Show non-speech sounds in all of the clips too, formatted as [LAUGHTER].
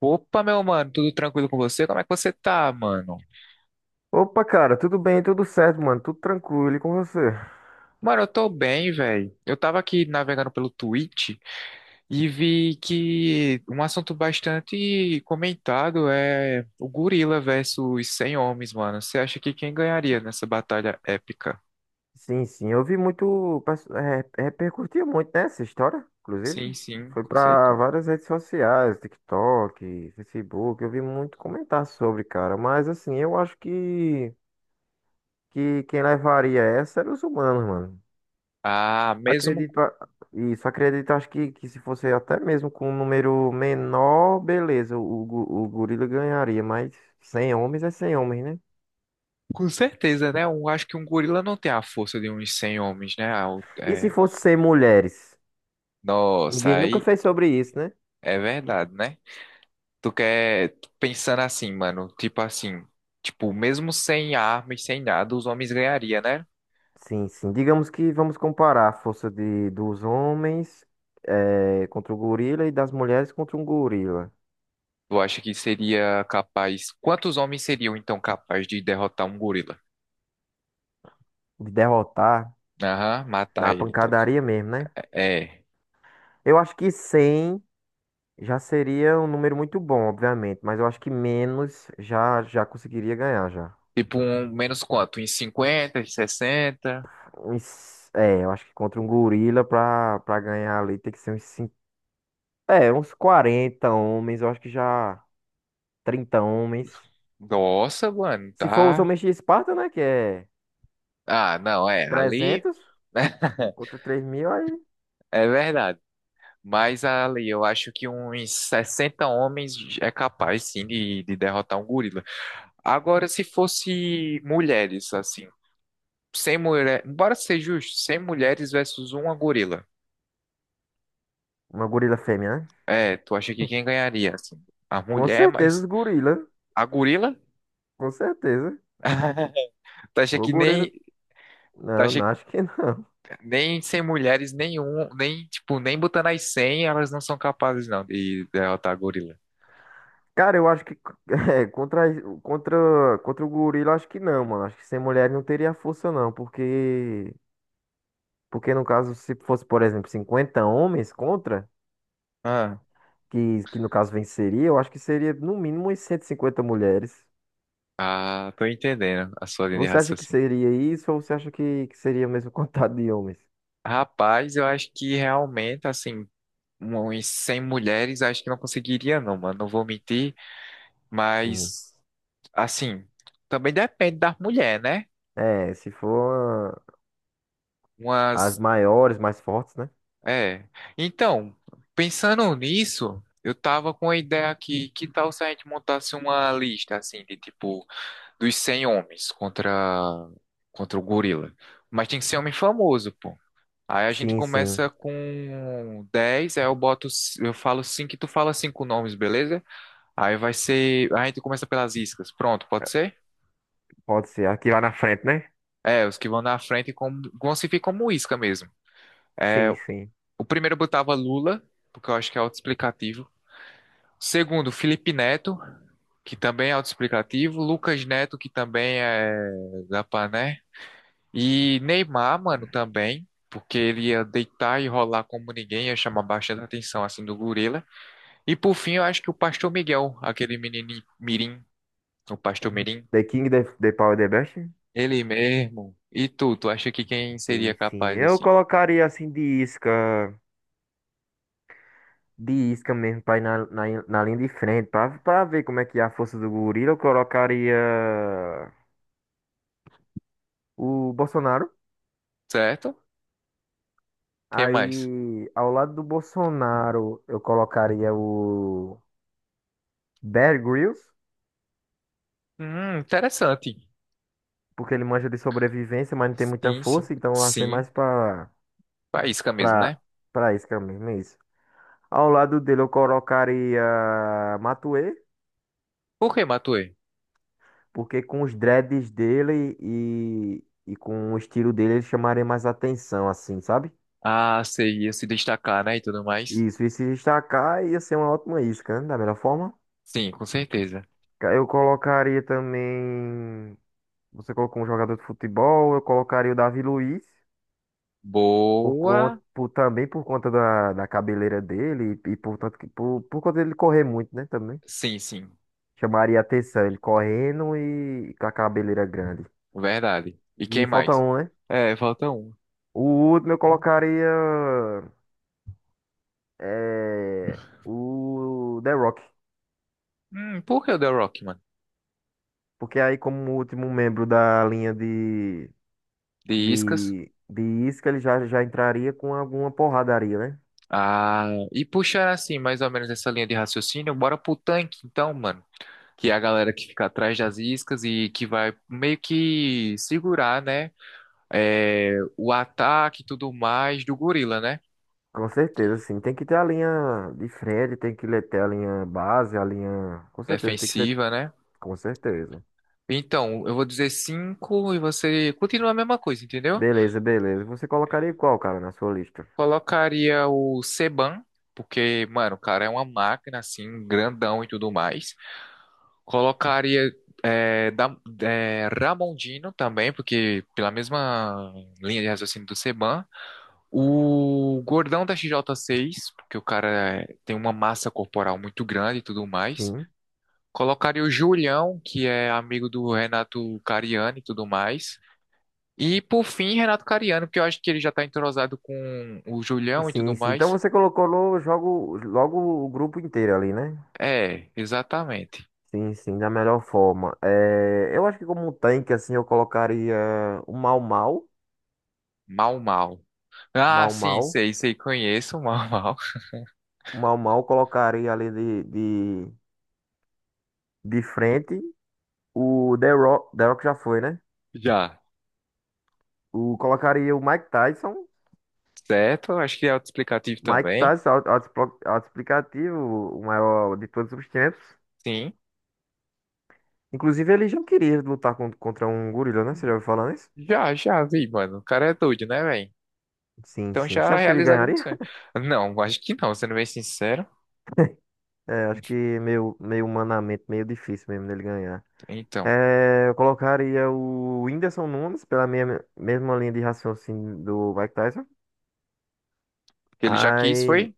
Opa, meu mano, tudo tranquilo com você? Como é que você tá, mano? Opa, cara, tudo bem, tudo certo, mano, tudo tranquilo e com você? Mano, eu tô bem, velho. Eu tava aqui navegando pelo Twitch e vi que um assunto bastante comentado é o gorila versus 100 homens, mano. Você acha que quem ganharia nessa batalha épica? Sim, sim, eu vi muito, é, repercutiu muito, né, essa história, Sim, inclusive. sim, Foi com pra certeza. várias redes sociais, TikTok, Facebook, eu vi muito comentar sobre, cara, mas assim, que quem levaria essa era os humanos, mano. Ah, mesmo Acredito, isso, acredito, que se fosse até mesmo com um número menor, beleza, o gorila ganharia, mas 100 homens é 100 homens, né? com certeza, né? Eu acho que um gorila não tem a força de uns 100 homens, né? Ah, E se fosse 100 mulheres? Nossa, Ninguém nunca aí fez sobre isso, né? é verdade, né? Tu quer pensando assim, mano, tipo assim, tipo, mesmo sem arma e sem nada, os homens ganhariam, né? Sim, sim. Digamos que vamos comparar a força dos homens contra o gorila e das mulheres contra um gorila. Tu acha que seria capaz? Quantos homens seriam então capazes de derrotar um gorila? De derrotar Aham, matar na ele, então. pancadaria mesmo, né? É. Eu acho que 100 já seria um número muito bom, obviamente. Mas eu acho que menos já conseguiria ganhar, já. Tipo, um menos quanto? Em 50 em 60? É, eu acho que contra um gorila pra ganhar ali tem que ser uns 5, é, uns 40 homens. Eu acho que já 30 homens. Nossa, mano, Se for os tá. homens de Esparta, né? Que é... Ah, não, é. Ali. 300 [LAUGHS] contra 3000, aí. É verdade. Mas ali, eu acho que uns 60 homens é capaz, sim, de derrotar um gorila. Agora, se fosse mulheres, assim, sem mulher, bora ser justo, 100 mulheres versus uma gorila. Uma gorila fêmea, né? É, tu acha que quem ganharia, assim? A Com mulher, certeza os mas gorila. a gorila? Com certeza. [LAUGHS] Tu acha O que gorila. nem, tu Não, acha não, acho que não. [LAUGHS] Nem sem mulheres nenhum, nem, tipo, nem botando as 100, elas não são capazes, não, de derrotar a gorila. Cara, eu acho que [LAUGHS] é, contra, contra o gorila, acho que não, mano. Acho que sem mulher não teria força, não. Porque no caso, se fosse, por exemplo, 50 homens contra, Ah, que no caso venceria, eu acho que seria no mínimo umas 150 mulheres. ah, tô entendendo a sua linha de Você acha que raciocínio. seria isso ou você acha que seria o mesmo [LAUGHS] contado de homens? Rapaz, eu acho que realmente, assim, uns 100 mulheres, acho que não conseguiria, não, mano. Não vou mentir, Sim. mas, assim, também depende da mulher, né? É, se for as Umas maiores, mais fortes, né? É. Então, pensando nisso, eu tava com a ideia aqui, que tal se a gente montasse uma lista assim de tipo dos 100 homens contra o gorila. Mas tem que ser homem famoso, pô. Aí a gente Sim, sim. começa com 10, aí eu boto, eu falo 5, e tu fala cinco nomes, beleza? Aí vai ser, a gente começa pelas iscas. Pronto, pode ser? Pode ser. Aqui lá na frente, né? É, os que vão na frente como, vão se vir como isca mesmo. É, Sim, sim. o primeiro eu botava Lula, porque eu acho que é auto Segundo, Felipe Neto, que também é autoexplicativo. Lucas Neto, que também é da Pané. E Neymar, mano, também. Porque ele ia deitar e rolar como ninguém, ia chamar bastante atenção, assim, do gorila. E por fim, eu acho que o Pastor Miguel, aquele menino mirim, o Pastor Mirim, The King, the Power, the Best? ele mesmo. E tu acha que quem seria Sim, sim. capaz, Eu assim? colocaria assim de isca mesmo, pra ir na linha de frente, pra ver como é que é a força do gorila. Eu colocaria o Bolsonaro. Certo? Quem mais? Aí, ao lado do Bolsonaro, eu colocaria o Bear Grylls, Interessante. porque ele manja de sobrevivência, mas não tem muita Sim, sim. força, então vai ser Sim. mais pra Faísca mesmo, Pra, né? pra isca mesmo, é isso. Ao lado dele eu colocaria Matuê, Por que, Matuê? porque com os dreads dele e com o estilo dele ele chamaria mais atenção, assim, sabe? Ah, sei, ia se destacar, né, e tudo mais. Isso, e se destacar ia ser uma ótima isca, né? Da melhor forma. Sim, com certeza. Eu colocaria também. Você colocou um jogador de futebol, eu colocaria o Davi Luiz, Boa. por, também por conta da cabeleira dele e por, por conta dele correr muito, né? Também. Sim, sim, Chamaria atenção, ele correndo e com a cabeleira grande. verdade. E quem E falta mais? um, né? É, falta um. O último eu colocaria é, o The Rock. Por que o The Rock, mano? Porque aí, como último membro da linha De Iscas. De isca, já entraria com alguma porradaria, né? Ah, e puxar assim, mais ou menos essa linha de raciocínio, bora pro tanque, então, mano. Que é a galera que fica atrás das iscas e que vai meio que segurar, né? É, o ataque e tudo mais do gorila, né? Com certeza, sim. Tem que ter a linha de frente, tem que ter a linha base, a linha. Com certeza, tem que ser. Defensiva, né? Com certeza. Então, eu vou dizer cinco e você continua a mesma coisa, entendeu? Beleza, beleza. Você colocaria qual, cara, na sua lista? Colocaria o Seban, porque, mano, o cara é uma máquina, assim, grandão e tudo mais. Colocaria Ramondino também, porque pela mesma linha de raciocínio do Seban. O gordão da XJ6, porque o cara tem uma massa corporal muito grande e tudo mais. Sim. Colocaria o Julião, que é amigo do Renato Cariani e tudo mais. E por fim, Renato Cariano, que eu acho que ele já tá entrosado com o Julião e tudo Sim, sim. Então mais. você colocou jogo, logo o grupo inteiro ali, né? É, exatamente. Sim, sim, da melhor forma. É, eu acho que como um tanque, assim, eu colocaria o Mau Mau. Mal, mal. Ah, Mau sim, Mau. sei, sei, conheço o mal, mal. [LAUGHS] O Mau Mau eu colocaria ali de, de frente. O The Rock, The Rock já foi, né? Já. O, colocaria o Mike Tyson. Certo? Acho que é autoexplicativo Mike também. Tyson, autoexplicativo, o maior de todos os tempos. Sim. Inclusive, ele já queria lutar contra um gorila, né? Você já ouviu falar nisso? Já, já vi, mano. O cara é doido, né, velho? Sim, Então sim. Você já acha que ele realizaria o ganharia? sonho. Não, acho que não, sendo bem sincero. É, acho que meio, meio humanamente, meio difícil mesmo dele ganhar. Então, É, eu colocaria o Whindersson Nunes pela minha, mesma linha de raciocínio do Mike Tyson. ele já quis, Aí. foi?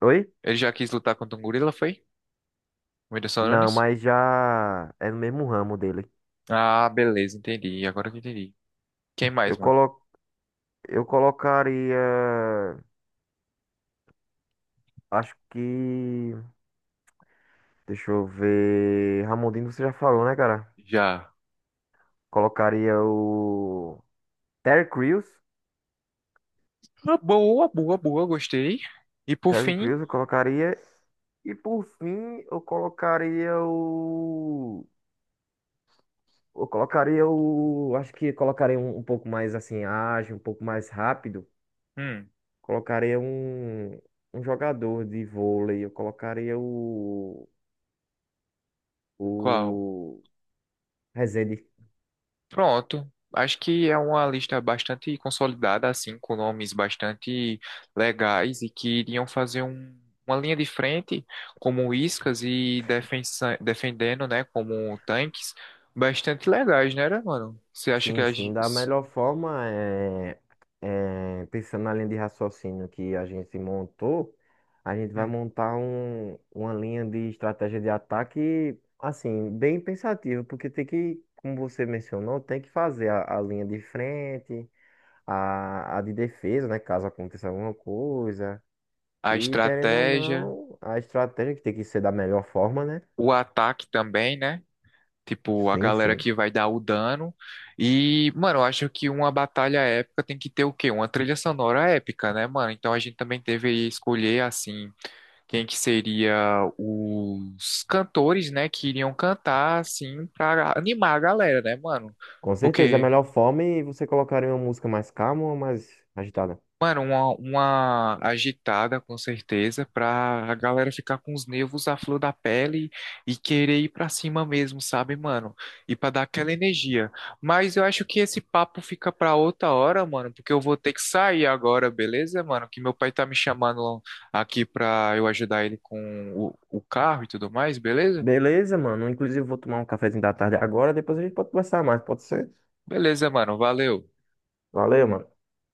Oi? Ele já quis lutar contra um gorila, foi? O Whindersson Não, Nunes? mas já é no mesmo ramo dele. Ah, beleza, entendi. Agora que eu entendi. Quem mais, Eu mano? colo, eu colocaria. Acho que. Deixa eu ver. Ramondino, você já falou, né, cara? Já. Colocaria o. Terry Crews. Uma boa, boa, boa, gostei. E por Terry fim, Crews eu colocaria. E por fim, eu colocaria o. Eu colocaria o. Acho que colocaria um pouco mais assim, ágil, um pouco mais rápido. hum, Colocaria um jogador de vôlei. Eu colocaria o. qual? O. Rezende. Pronto. Acho que é uma lista bastante consolidada, assim, com nomes bastante legais e que iriam fazer uma linha de frente como iscas e defendendo, né, como tanques, bastante legais, né, mano? Você acha que Sim, sim, da melhor forma é, é, pensando na linha de raciocínio que a gente montou, a gente vai hum, montar uma linha de estratégia de ataque, assim, bem pensativa, porque tem que, como você mencionou, tem que fazer a linha de frente, a de defesa, né, caso aconteça alguma coisa, a e querendo ou estratégia, não, a estratégia que tem que ser da melhor forma, né? o ataque também, né? Tipo, a Sim, galera sim. que vai dar o dano. E, mano, eu acho que uma batalha épica tem que ter o quê? Uma trilha sonora épica, né, mano? Então a gente também teve aí escolher, assim, quem que seria os cantores, né, que iriam cantar, assim, pra animar a galera, né, mano? Com certeza, da Porque melhor forma, e você colocaria uma música mais calma ou mais agitada? Mano, uma agitada, com certeza, pra a galera ficar com os nervos à flor da pele e querer ir pra cima mesmo, sabe, mano? E pra dar aquela energia. Mas eu acho que esse papo fica pra outra hora, mano, porque eu vou ter que sair agora, beleza, mano? Que meu pai tá me chamando aqui pra eu ajudar ele com o carro e tudo mais, beleza? Beleza, mano. Inclusive, vou tomar um cafezinho da tarde agora. Depois a gente pode conversar mais, pode ser? Beleza, mano, valeu. Valeu, mano.